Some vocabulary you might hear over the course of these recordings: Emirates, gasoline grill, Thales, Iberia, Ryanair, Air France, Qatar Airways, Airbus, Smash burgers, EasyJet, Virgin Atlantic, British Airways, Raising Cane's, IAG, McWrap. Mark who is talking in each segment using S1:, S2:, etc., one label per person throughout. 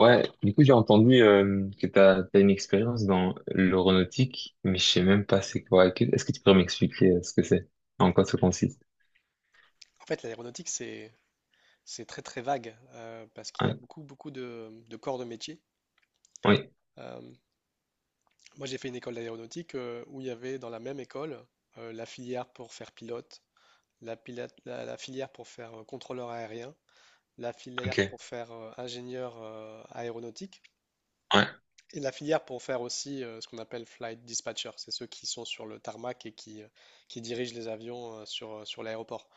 S1: Ouais, du coup, j'ai entendu que t'as une expérience dans l'aéronautique, mais je sais même pas c'est quoi. Est-ce que tu pourrais m'expliquer ce que c'est? En quoi ça consiste?
S2: En fait, l'aéronautique, c'est très très vague, parce qu'il y a
S1: Ouais.
S2: beaucoup beaucoup de corps de métier.
S1: Oui,
S2: Euh, Moi, j'ai fait une école d'aéronautique, où il y avait dans la même école, la filière pour faire pilote, la filière pour faire contrôleur aérien, la filière
S1: ok.
S2: pour faire ingénieur aéronautique,
S1: Ouais,
S2: et la filière pour faire aussi ce qu'on appelle flight dispatcher. C'est ceux qui sont sur le tarmac et qui dirigent les avions sur l'aéroport.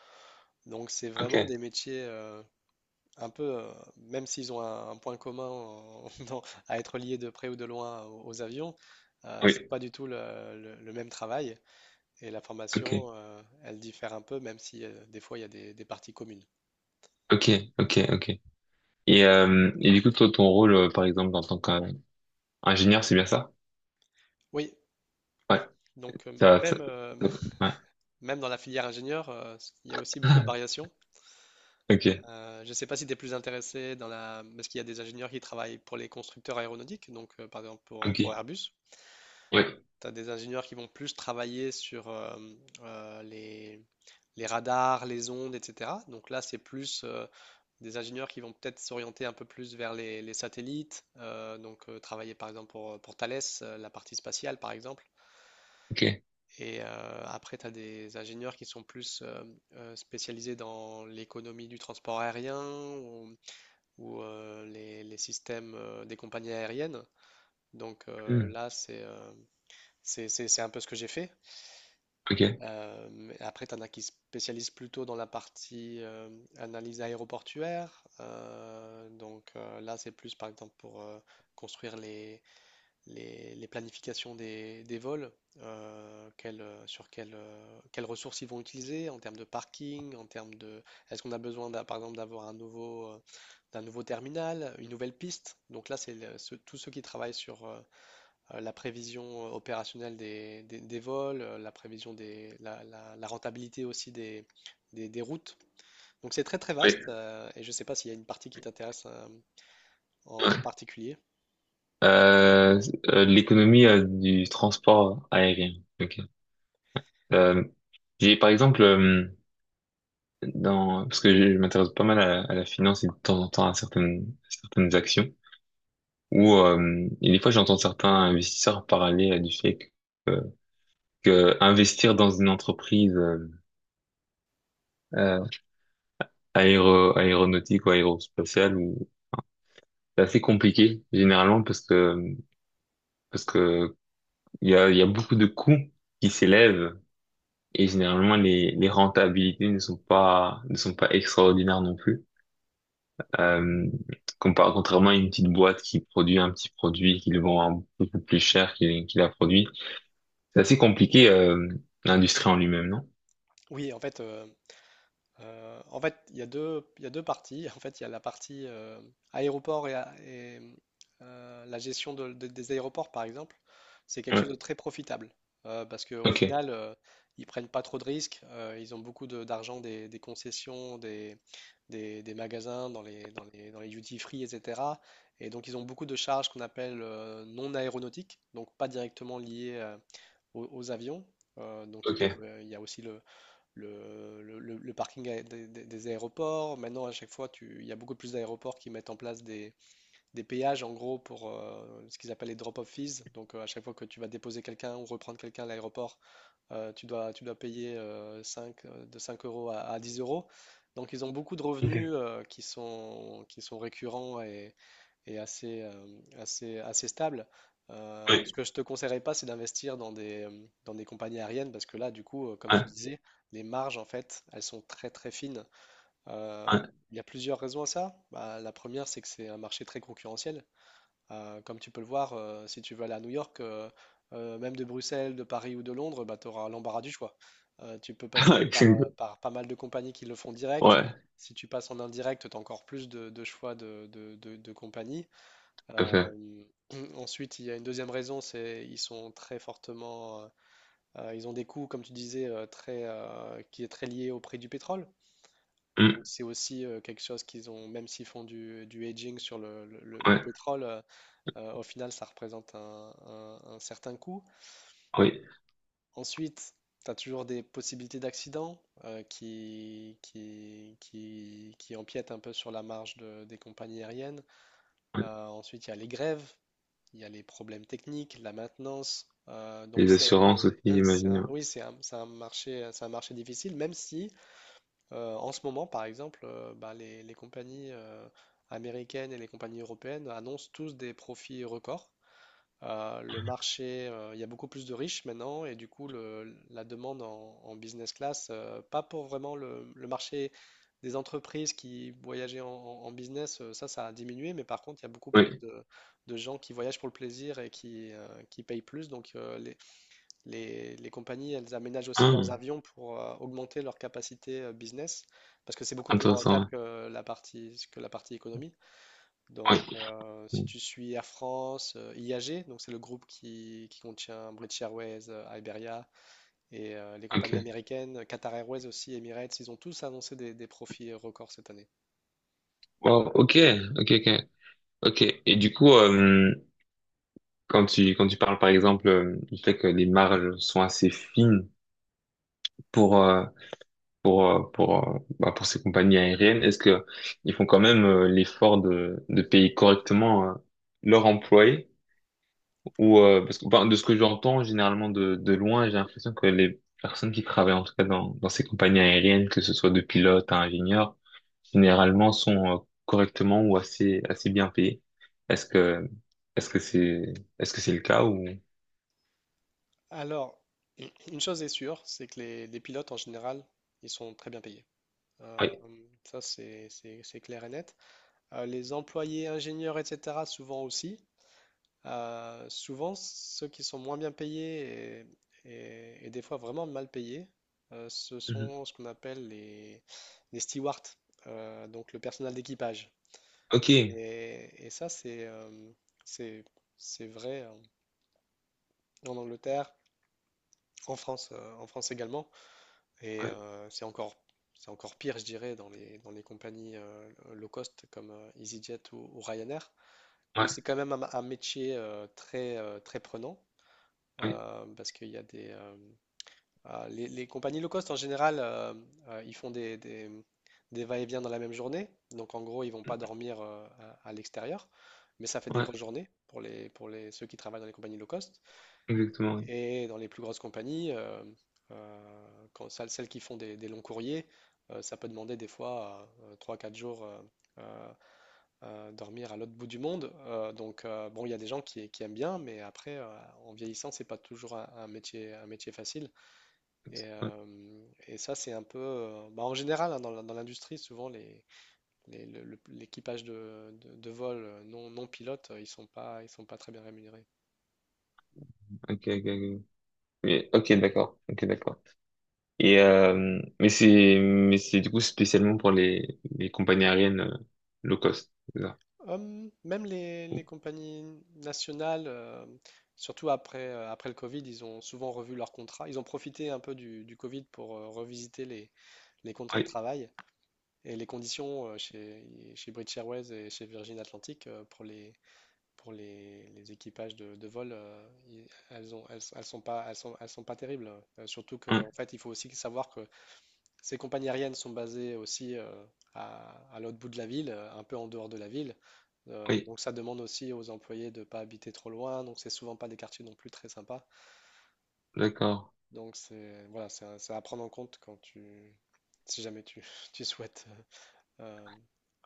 S2: Donc, c'est vraiment
S1: ok.
S2: des métiers, même s'ils ont un point commun à être liés de près ou de loin aux avions, c'est
S1: Oui,
S2: pas du tout le même travail. Et la
S1: ok.
S2: formation, elle diffère un peu, même si des fois il y a des parties communes.
S1: Ok, ok, ok. Et du coup, toi, ton rôle, par exemple, en tant qu'ingénieur, c'est bien ça?
S2: Oui,
S1: Ouais.
S2: donc euh,
S1: Ça, ça,
S2: même, euh,
S1: ça- ouais.
S2: même dans la filière ingénieur, il y a aussi beaucoup de variations.
S1: Ok,
S2: Je ne sais pas si tu es plus intéressé dans la, parce qu'il y a des ingénieurs qui travaillent pour les constructeurs aéronautiques, donc, par exemple pour,
S1: ok.
S2: pour Airbus.
S1: Oui,
S2: Tu as des ingénieurs qui vont plus travailler sur euh, les, les radars, les ondes, etc. Donc là, c'est plus, des ingénieurs qui vont peut-être s'orienter un peu plus vers les satellites, travailler par exemple pour Thales, la partie spatiale par exemple.
S1: ok.
S2: Et après, tu as des ingénieurs qui sont plus spécialisés dans l'économie du transport aérien, ou, les systèmes des compagnies aériennes. Donc,
S1: Hmm,
S2: là, c'est un peu ce que j'ai fait.
S1: ok, oui,
S2: Et après, tu en as qui se spécialisent plutôt dans la partie analyse aéroportuaire. Là, c'est plus par exemple pour, construire les planifications des vols, quelles ressources ils vont utiliser en termes de parking, en termes de. Est-ce qu'on a besoin par exemple d'avoir d'un nouveau terminal, une nouvelle piste? Donc là, tous ceux qui travaillent sur, la prévision opérationnelle des vols, la prévision des, la rentabilité aussi des routes. Donc c'est très très vaste,
S1: ouais.
S2: et je ne sais pas s'il y a une partie qui t'intéresse en particulier.
S1: Euh, l'économie du transport aérien. Ok. Euh, j'ai par exemple dans parce que je m'intéresse pas mal à la finance et de temps en temps à certaines actions où et des fois j'entends certains investisseurs parler du fait euh, que investir dans une entreprise euh, aéronautique ou aérospatiale ou c'est assez compliqué généralement parce que il y a beaucoup de coûts qui s'élèvent et généralement les rentabilités ne sont pas ne sont pas extraordinaires non plus. Euh, contrairement à une petite boîte qui produit un petit produit, qu'ils le vend un peu plus cher qu'il a produit. C'est assez compliqué, l'industrie en lui-même, non?
S2: Oui, en fait, il y a deux, il y a deux parties. En fait, il y a la partie aéroport et la gestion des aéroports, par exemple. C'est quelque chose de
S1: Ouais.
S2: très profitable parce qu'au
S1: Ok,
S2: final, ils prennent pas trop de risques. Ils ont beaucoup d'argent des concessions, des magasins, dans les duty-free, etc. Et donc, ils ont beaucoup de charges qu'on appelle non aéronautiques, donc pas directement liées aux avions. Donc,
S1: ok,
S2: il y a aussi le parking a- des aéroports. Maintenant, à chaque fois, il y a beaucoup plus d'aéroports qui mettent en place des péages, en gros, pour ce qu'ils appellent les drop-off fees. Donc, à chaque fois que tu vas déposer quelqu'un ou reprendre quelqu'un à l'aéroport, tu dois payer de 5 € à, 10 euros. Donc, ils ont beaucoup de
S1: ok.
S2: revenus qui sont récurrents et assez, assez stable. Ce
S1: Oui,
S2: que je te conseillerais pas, c'est d'investir dans des compagnies aériennes parce que là, du coup, comme
S1: ouais,
S2: tu disais, les marges, en fait, elles sont très très fines. Euh, il y a plusieurs raisons à ça. Bah, la première, c'est que c'est un marché très concurrentiel. Comme tu peux le voir, si tu veux aller à New York, même de Bruxelles, de Paris ou de Londres, bah, tu auras l'embarras du choix. Tu peux passer
S1: ouais.
S2: par,
S1: C'est-
S2: par pas mal de compagnies qui le font direct.
S1: Ouais,
S2: Si tu passes en indirect, tu as encore plus de, choix de compagnies.
S1: tout à fait.
S2: Euh, Ensuite, il y a une deuxième raison, c'est ils sont très fortement, ils ont des coûts, comme tu disais, qui est très lié au prix du pétrole. Donc
S1: Mm,
S2: c'est aussi, quelque chose qu'ils ont, même s'ils font du hedging sur le
S1: ouais,
S2: pétrole, au final, ça représente un certain coût.
S1: oui,
S2: Ensuite, tu as toujours des possibilités d'accidents qui empiètent un peu sur la marge des compagnies aériennes.
S1: ouais.
S2: Ensuite, il y a les grèves. Il y a les problèmes techniques, la maintenance.
S1: Les assurances aussi, j'imagine.
S2: Oui, c'est un marché, c'est un marché difficile, même si en ce moment, par exemple, bah, les compagnies américaines et les compagnies européennes annoncent tous des profits records. Le marché, il y a beaucoup plus de riches maintenant et du coup, la demande en business class, pas pour vraiment le marché des entreprises qui voyageaient en, business, ça a diminué, mais par contre, il y a beaucoup
S1: Ouais.
S2: plus
S1: Oui.
S2: de, gens qui voyagent pour le plaisir et qui payent plus. Donc, les compagnies, elles aménagent aussi leurs
S1: Ah,
S2: avions pour augmenter leur capacité business parce que c'est beaucoup plus rentable
S1: intéressant.
S2: que la partie économie.
S1: Ouais.
S2: Donc, si
S1: Oui.
S2: tu suis Air France, IAG, donc c'est le groupe qui contient British Airways, Iberia et les compagnies
S1: Ok.
S2: américaines, Qatar Airways aussi, Emirates, ils ont tous annoncé des, profits records cette année.
S1: Wow, ok, ok, ok, ok. Et du coup, quand tu parles par exemple du fait que les marges sont assez fines pour euh, pour bah, pour ces compagnies aériennes? Est-ce que ils font quand même l'effort de payer correctement leurs employés ou parce que bah, de ce que j'entends généralement de loin, j'ai l'impression que les personnes qui travaillent en tout cas dans ces compagnies aériennes, que ce soit de pilotes à ingénieurs, généralement sont correctement ou assez bien payés. Est-ce que est-ce que c'est le cas ou
S2: Alors, une chose est sûre, c'est que les pilotes en général, ils sont très bien payés. Euh,
S1: oui.
S2: Ça, c'est clair et net. Les employés, ingénieurs, etc., souvent aussi. Souvent, ceux qui sont moins bien payés et des fois vraiment mal payés, ce
S1: Mhm.
S2: sont ce qu'on appelle les stewards, donc le personnel d'équipage.
S1: Ok.
S2: Et ça, c'est, c'est c'est vrai en Angleterre, en France également. Et
S1: Ouais.
S2: c'est encore pire, je dirais, dans les compagnies low cost comme EasyJet , ou Ryanair, où
S1: Ouais.
S2: c'est quand même un métier très très prenant.
S1: Oui.
S2: Parce qu'il y a des ah, Les compagnies low cost en général, ils font des va-et-vient dans la même journée, donc en gros ils vont pas dormir à, l'extérieur, mais ça fait des
S1: Ouais.
S2: grosses journées pour les ceux qui travaillent dans les compagnies low cost,
S1: Exactement, oui.
S2: et dans les plus grosses compagnies, celles qui font des, longs courriers, ça peut demander des fois trois quatre jours, euh, dormir à l'autre bout du monde. Bon, il y a des gens qui aiment bien, mais après, en vieillissant, c'est pas toujours un métier facile. Et,
S1: Ouais.
S2: euh, et ça, c'est un peu. Bah, en général, hein, dans l'industrie, souvent, l'équipage de vol, non, non pilote, ils sont pas très bien rémunérés.
S1: Ok, ok, ok. Mais ok, d'accord. Ok, d'accord. Et mais c'est du coup spécialement pour les compagnies aériennes low cost, c'est ça?
S2: Même les compagnies nationales, surtout après, après le Covid, ils ont souvent revu leurs contrats. Ils ont profité un peu du Covid pour revisiter les contrats de
S1: Oui,
S2: travail. Et les conditions chez British Airways et chez Virgin Atlantic pour les, pour les équipages de vol, elles sont pas terribles. Surtout que,
S1: hein,
S2: en fait, il faut aussi savoir que ces compagnies aériennes sont basées aussi à, l'autre bout de la ville, un peu en dehors de la ville.
S1: oui,
S2: Donc ça demande aussi aux employés de ne pas habiter trop loin. Donc c'est souvent pas des quartiers non plus très sympas.
S1: d'accord,
S2: Donc c'est voilà, c'est à prendre en compte si jamais tu, tu souhaites euh,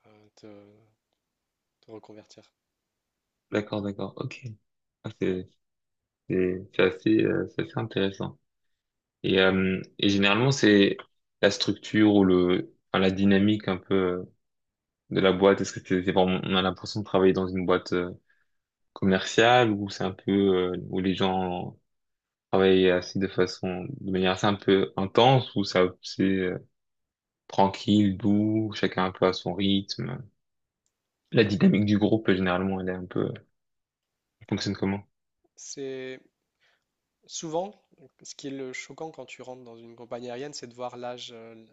S2: euh, te, te, reconvertir.
S1: d'accord, d'accord. Ok. Ah, c'est assez intéressant. Et généralement c'est la structure ou le enfin, la dynamique un peu de la boîte. Est-ce que c'est vraiment on a l'impression de travailler dans une boîte commerciale ou c'est un peu où les gens travailler assez de façon, de manière assez un peu intense où ça, c'est tranquille, doux, chacun un peu à son rythme. La dynamique du groupe, généralement, elle est un peu, elle fonctionne comment?
S2: C'est souvent ce qui est le choquant quand tu rentres dans une compagnie aérienne, c'est de voir l'âge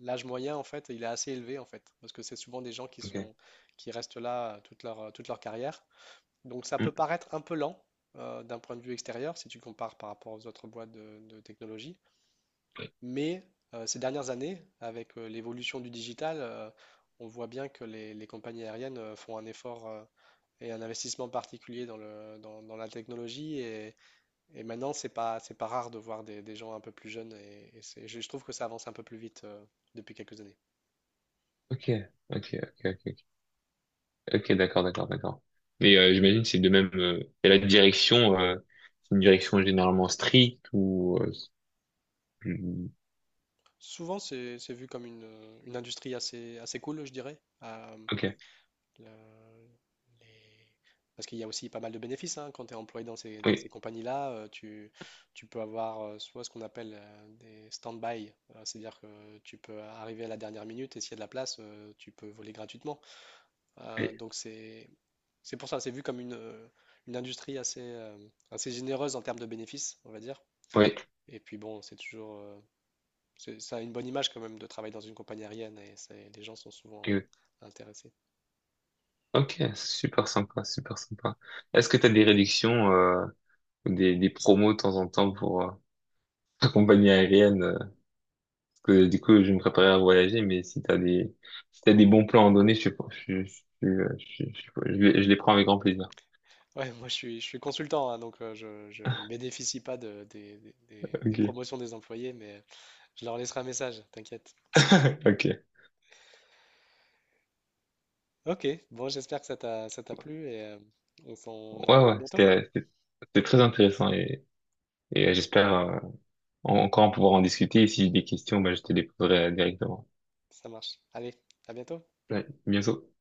S2: l'âge moyen en fait, il est assez élevé en fait, parce que c'est souvent des gens qui
S1: Ok.
S2: sont qui restent là toute leur carrière. Donc ça peut
S1: Hmm.
S2: paraître un peu lent d'un point de vue extérieur si tu compares par rapport aux autres boîtes de technologie, mais ces dernières années, avec l'évolution du digital, on voit bien que les compagnies aériennes font un effort et un investissement particulier dans la technologie. Et maintenant, c'est pas rare de voir des, gens un peu plus jeunes et c'est, je trouve que ça avance un peu plus vite depuis quelques années.
S1: Ok. Ok, ok, ok, ok, ok, d'accord, d'accord, d'accord. Mais j'imagine que c'est de même. Et la direction, c'est une direction généralement stricte ou c'est plus-
S2: Souvent, c'est vu comme une industrie assez cool, je dirais.
S1: ok,
S2: La- les- Parce qu'il y a aussi pas mal de bénéfices, hein, quand tu es employé dans ces
S1: oui,
S2: compagnies-là. Tu peux avoir soit ce qu'on appelle des stand-by, c'est-à-dire que tu peux arriver à la dernière minute et s'il y a de la place, tu peux voler gratuitement. Euh,
S1: oui,
S2: donc c'est C'est pour ça, c'est vu comme une industrie assez, assez généreuse en termes de bénéfices, on va dire.
S1: oui,
S2: Et puis bon, c'est toujours, ça a une bonne image quand même de travailler dans une compagnie aérienne et les gens sont souvent
S1: oui.
S2: intéressés.
S1: Ok, super sympa, super sympa. Est-ce que tu as des réductions, ou des promos de temps en temps pour compagnie aérienne. Parce que du coup, je me préparais à voyager, mais si t'as des bons plans à donner, je suis, pas- je les prends avec grand plaisir.
S2: Ouais, moi je suis consultant, hein, donc je ne bénéficie pas des
S1: Ok,
S2: promotions des employés, mais je leur laisserai un message, t'inquiète.
S1: ok.
S2: Ok, bon, j'espère que ça t'a plu et on en
S1: Ouais, ouais,
S2: reparle bientôt.
S1: c'était très intéressant et j'espère encore pouvoir en discuter. Et si j'ai des questions, bah, je te les poserai directement.
S2: Ça marche. Allez, à bientôt.
S1: Ouais, bientôt.